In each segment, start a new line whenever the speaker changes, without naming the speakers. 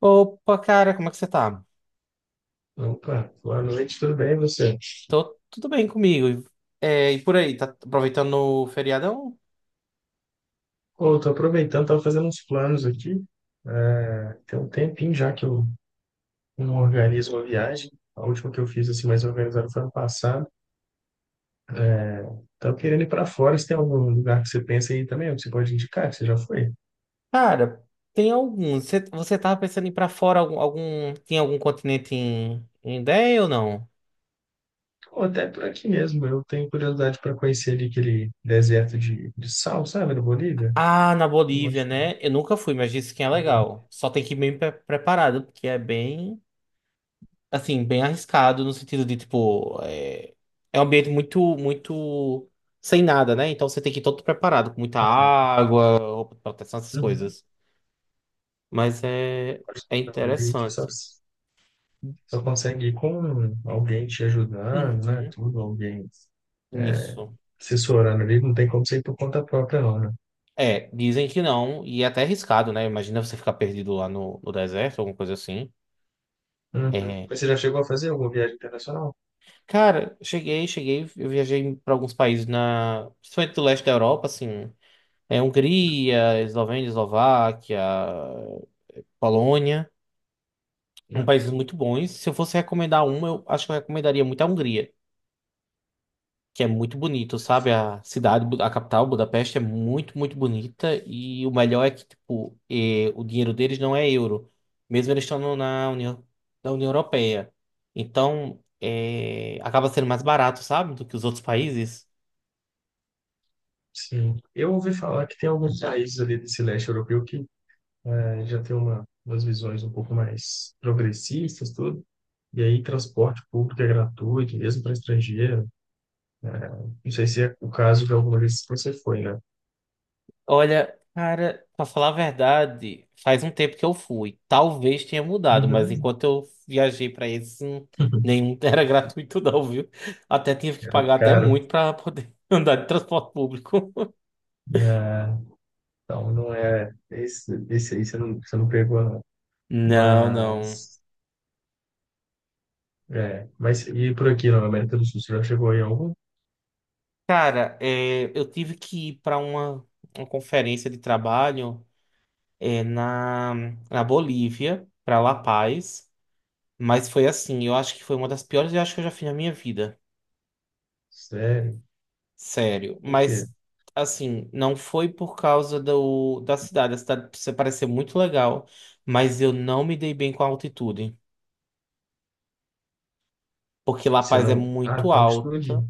Opa, cara, como é que você tá?
Opa, boa noite, tudo bem e você?
Tô tudo bem comigo. É, e por aí, tá aproveitando o feriadão?
Pô, tô aproveitando, tava fazendo uns planos aqui. É, tem um tempinho já que eu não organizo uma viagem. A última que eu fiz assim mais organizada foi ano passado. Tava querendo ir para fora. Se tem algum lugar que você pensa aí também, que você pode indicar, que você já foi?
Cara, tem alguns. Você tava pensando em ir pra fora tem algum continente em ideia ou não?
Ou até por aqui mesmo. Eu tenho curiosidade para conhecer ali aquele deserto de sal, sabe, da Bolívia.
Ah, na
Eu
Bolívia,
acho.
né? Eu nunca fui, mas disse que é legal. Só tem que ir bem preparado, porque é bem, assim, bem arriscado no sentido de, tipo, é um ambiente muito, muito sem nada, né? Então você tem que ir todo preparado, com muita água, roupa de proteção, essas
Uhum.
coisas. Mas é,
Acho
é
que não. Ali você só,
interessante.
só consegue ir com alguém te ajudando, né?
Uhum.
Tudo, alguém.
Isso.
Assessorando ali, não tem como ser por conta própria, não, né?
É, dizem que não, e é até arriscado, né? Imagina você ficar perdido lá no deserto, alguma coisa assim.
Uhum.
É,
Mas você já chegou a fazer alguma viagem internacional?
cara, cheguei, cheguei, eu viajei para alguns países principalmente do leste da Europa, assim, Hungria, Eslovênia, Eslováquia, Polônia, são
Uhum.
países muito bons. Se eu fosse recomendar um, eu acho que eu recomendaria muito a Hungria, que é muito bonito, sabe? A cidade, a capital, Budapeste, é muito, muito bonita, e o melhor é que, tipo, o dinheiro deles não é euro, mesmo eles estando na União Europeia. Então, acaba sendo mais barato, sabe, do que os outros países.
Sim. Eu ouvi falar que tem alguns países ali desse leste europeu que já tem umas visões um pouco mais progressistas, tudo. E aí, transporte público é gratuito, mesmo para estrangeiro. Não sei se é o caso de alguma vez que você foi, né?
Olha, cara, pra falar a verdade, faz um tempo que eu fui. Talvez tenha mudado, mas
Uhum.
enquanto eu viajei pra esse, nenhum era gratuito não, viu? Até tive que
Era
pagar até
caro.
muito pra poder andar de transporte público.
É, então, não é. Esse aí você não pegou, não.
Não, não.
Mas. É, mas e por aqui na América do Sul, você já chegou aí a algum?
Cara, eu tive que ir pra uma conferência de trabalho, é, na, na Bolívia, pra La Paz, mas foi assim, eu acho que foi uma das piores viagens que eu já fiz na minha vida.
Sério?
Sério,
Por quê?
mas assim, não foi por causa do, da cidade. A cidade precisa parecer muito legal, mas eu não me dei bem com a altitude, porque La
Você
Paz é
não. Ah,
muito
altitude?
alta,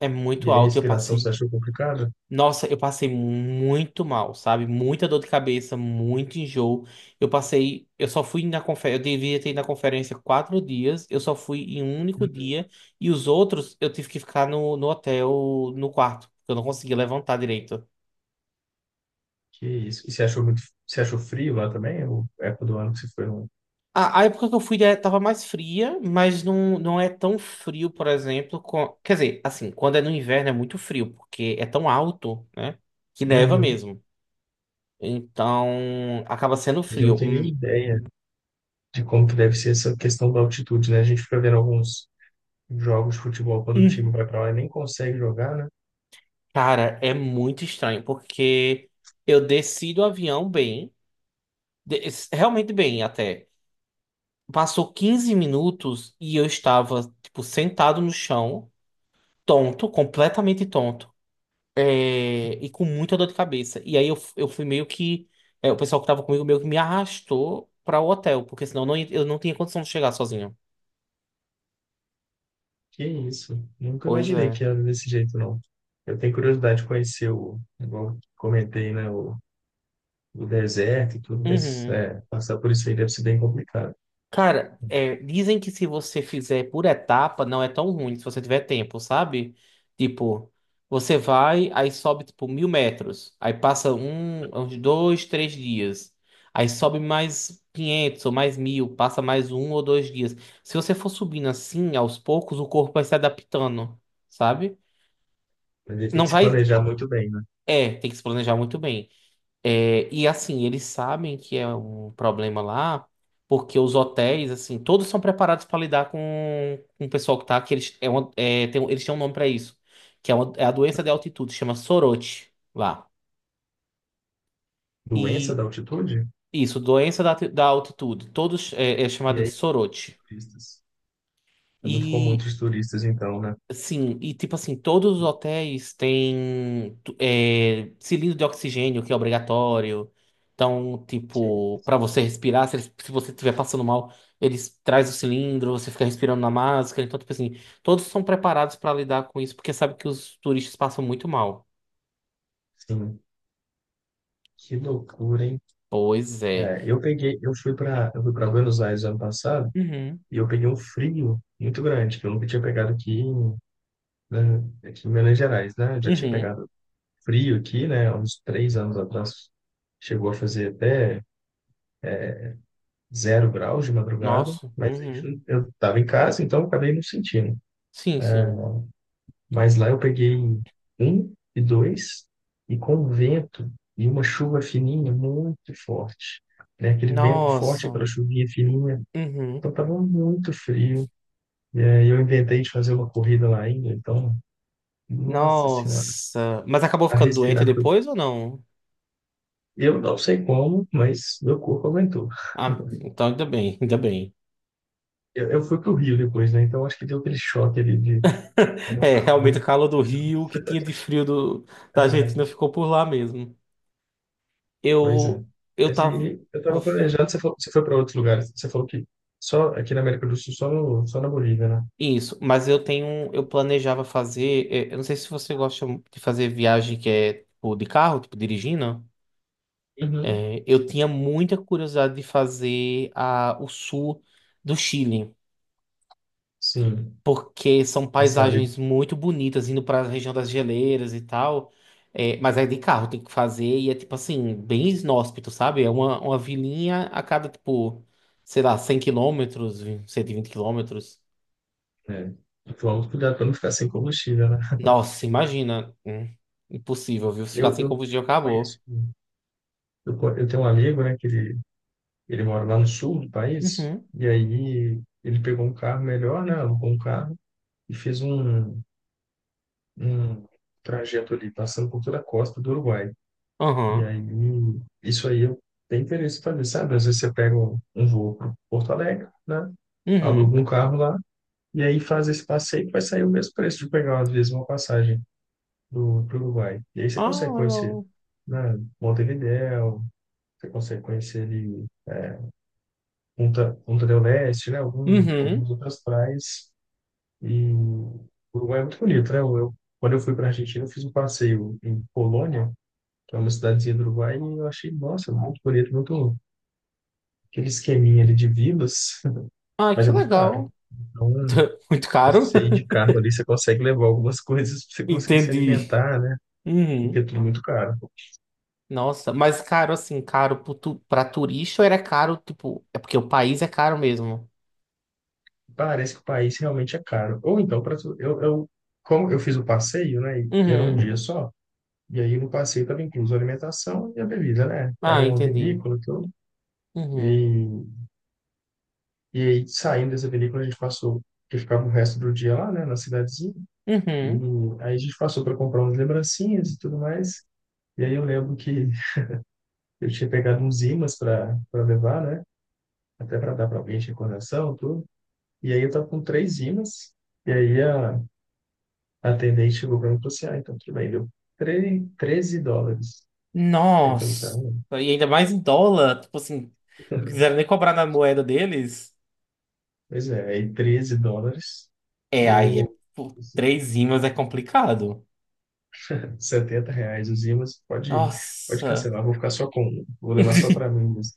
é
E
muito
aí,
alta. Eu
respiração, você
passei,
achou complicado?
nossa, eu passei muito mal, sabe? Muita dor de cabeça, muito enjoo. Eu só fui na conferência, eu devia ter ido na conferência 4 dias, eu só fui em um único
Uhum.
dia, e os outros eu tive que ficar no hotel, no quarto, porque eu não conseguia levantar direito.
Que isso? E você achou muito. Você achou frio lá também? Ou é época do ano que você foi no.
A época que eu fui, tava mais fria, mas não, não é tão frio, por exemplo. Quer dizer, assim, quando é no inverno é muito frio, porque é tão alto, né? Que neva
Uhum.
mesmo. Então, acaba sendo
Mas eu não
frio.
tenho nem ideia de como que deve ser essa questão da altitude, né? A gente fica vendo alguns jogos de futebol quando o time
Hum,
vai pra lá e nem consegue jogar, né?
cara, é muito estranho, porque eu desci do avião bem, realmente bem até. Passou 15 minutos e eu estava, tipo, sentado no chão, tonto, completamente tonto. E com muita dor de cabeça. E aí eu fui meio que. O pessoal que tava comigo meio que me arrastou pra o hotel, porque senão eu não tinha condição de chegar sozinho.
Que isso? Nunca
Pois
imaginei
é.
que era desse jeito, não. Eu tenho curiosidade de conhecer o, igual eu comentei, né? O deserto e tudo, mas
Uhum.
é, passar por isso aí deve ser bem complicado.
Cara, dizem que se você fizer por etapa, não é tão ruim se você tiver tempo, sabe? Tipo, você vai, aí sobe tipo 1000 metros, aí passa um, uns dois, três dias, aí sobe mais 500 ou mais 1000, passa mais um ou dois dias. Se você for subindo assim, aos poucos, o corpo vai se adaptando, sabe?
Mas ele tem
Não
que se
vai.
planejar muito bem, né?
É, tem que se planejar muito bem. É, e assim, eles sabem que é um problema lá, porque os hotéis, assim, todos são preparados para lidar com o pessoal que tá, que eles, é uma- é, tem um- eles têm um nome para isso, que é, uma- é a doença de altitude, chama sorote lá.
Doença
E
da altitude?
isso, doença da, alti- da altitude, todos é, é
E
chamado de
aí,
sorote.
turistas? É muito comum entre os turistas, então, né?
Sim, e tipo assim, todos os hotéis têm tu- é, cilindro de oxigênio, que é obrigatório. Então,
Que-
tipo, para você respirar, se, eles- se você estiver passando mal, eles trazem o cilindro, você fica respirando na máscara. Então, tipo assim, todos são preparados para lidar com isso, porque sabe que os turistas passam muito mal.
Sim, que loucura, hein?
Pois é.
É, eu peguei, eu fui para Buenos Aires ano passado
Uhum,
e eu peguei um frio muito grande, que eu nunca tinha pegado aqui, né, aqui em Minas Gerais, né? Eu já tinha
uhum.
pegado frio aqui, né? Uns 3 anos atrás. Chegou a fazer até 0 graus de madrugada,
Nossa,
mas a gente,
uhum.
não- eu estava em casa, então eu acabei não sentindo.
Sim, sim.
Mas lá eu peguei um e dois, e com vento e uma chuva fininha muito forte, né? Aquele vento forte
Nossa,
para chuvinha fininha,
uhum.
então estava muito frio. E aí eu inventei de fazer uma corrida lá ainda, então, nossa senhora,
Nossa. Mas acabou
a
ficando doente
respirar foi.
depois ou não?
Eu não sei como, mas meu corpo aguentou.
Ah, então ainda bem, ainda bem.
Eu fui pro Rio depois, né? Então acho que deu aquele choque ali de pegar o
É,
carro.
realmente o calor do Rio, o que tinha de frio do, da
Né?
Argentina ficou por lá mesmo.
Pois é.
Eu, eu
Mas
tava.
aí eu tava planejando, você falou, você foi para outros lugares. Você falou que só aqui na América do Sul, só no, só na Bolívia, né?
Isso, mas eu tenho. Eu planejava fazer. Eu não sei se você gosta de fazer viagem que é tipo de carro, tipo dirigindo.
Uhum.
É, eu tinha muita curiosidade de fazer a, o sul do Chile,
Sim,
porque são
passar ali,
paisagens muito bonitas, indo para a região das geleiras e tal. É, mas é de carro, tem que fazer, e é tipo assim, bem inóspito, sabe? É uma vilinha a cada, tipo, sei lá, 100 quilômetros, 120 quilômetros.
né? E vamos cuidar para não ficar sem combustível, né?
Nossa, imagina. Impossível, viu? Se ficar
Eu,
sem
eu
combustível, acabou.
conheço, eu tenho um amigo, né, que ele mora lá no sul do país,
Uhum,
e aí ele pegou um carro melhor, né, alugou um carro e fez um trajeto ali, passando por toda a costa do Uruguai. E
aham,
aí, isso aí eu tenho interesse em fazer, sabe? Às vezes você pega um voo para Porto Alegre, né?
uhum.
Aluga um carro lá e aí faz esse passeio que vai sair o mesmo preço de pegar, às vezes, uma passagem do pro Uruguai. E aí você
Ah,
consegue conhecer,
legal.
né? Montevidéu, você consegue conhecer ali Punta del Este, né? Algum,
Uhum.
algumas outras praias. E o Uruguai é muito bonito, né? Quando eu fui para a Argentina, eu fiz um passeio em Colônia, que é uma cidadezinha do Uruguai, e eu achei, nossa, muito bonito, muito aquele esqueminha ali de vilas,
Ah,
mas é
que
muito caro.
legal.
Então,
Muito
acho que
caro.
você ir de carro ali, você consegue levar algumas coisas para você conseguir se
Entendi.
alimentar, né? Porque é
Uhum.
tudo muito caro.
Nossa, mas caro assim, caro pro pra turista, ou era caro, tipo, é porque o país é caro mesmo?
Parece que o país realmente é caro. Ou então, eu, como eu fiz o passeio, né? E era um
Uhum.
dia só, e aí no passeio estava incluso a alimentação e a bebida, né?
Ah,
Era uma
entendi.
vinícola e tudo.
Uhum.
E, e aí, saindo dessa vinícola, a gente passou, que ficava o resto do dia lá, né? Na cidadezinha. E
Uhum.
aí a gente passou para comprar umas lembrancinhas e tudo mais. E aí eu lembro que eu tinha pegado uns ímãs para levar, né? Até para dar para alguém de recordação, tudo. E aí eu tava com três ímãs. E aí a atendente chegou para mim e falou assim: ah, então tudo bem, deu US$ 13. Aí eu falei, tá,
Nossa. E ainda mais em dólar, tipo assim, não quiseram nem cobrar na moeda deles.
pois é, aí US$ 13,
É, aí é
eu.
por três imãs é complicado.
R$ 70 os ímãs, pode
Nossa.
cancelar, vou ficar só com um, vou levar só para mim mesmo.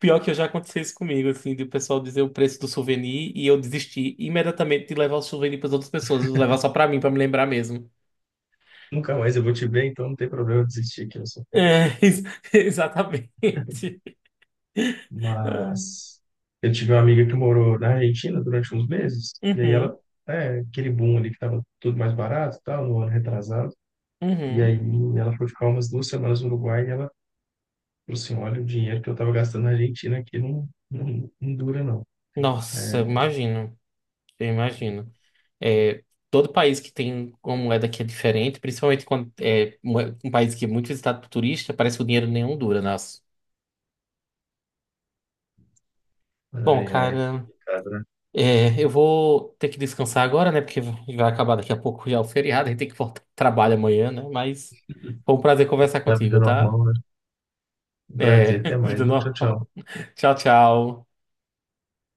Pior que eu já aconteceu isso comigo, assim, de o pessoal dizer o preço do souvenir e eu desistir imediatamente de levar o souvenir para as outras pessoas, eu levar só para mim, para me lembrar mesmo.
Nunca mais eu vou te ver, então não tem problema eu desistir aqui. Eu sou.
É, exatamente. Ai.
Mas eu tive uma amiga que morou na Argentina durante uns meses, e aí ela,
Uhum,
é, aquele boom ali que estava tudo mais barato e tal, no ano retrasado, e
uhum.
aí ela foi ficar umas 2 semanas no Uruguai e ela falou assim: olha, o dinheiro que eu estava gastando na Argentina aqui não, não, não dura, não.
Nossa, eu
É,
imagino, eu imagino. É, todo país que tem uma moeda que é diferente, principalmente quando é um país que é muito visitado por turista, parece que o dinheiro nenhum dura, nossa. Bom,
ai, ai, é
cara,
complicado, né?
eu vou ter que descansar agora, né? Porque vai acabar daqui a pouco já o feriado, a gente tem que voltar ao trabalho amanhã, né? Mas foi um prazer conversar
Na vida
contigo, tá?
normal, né? Um
É,
prazer, até mais,
vida
viu? Tchau,
normal.
tchau.
Tchau, tchau.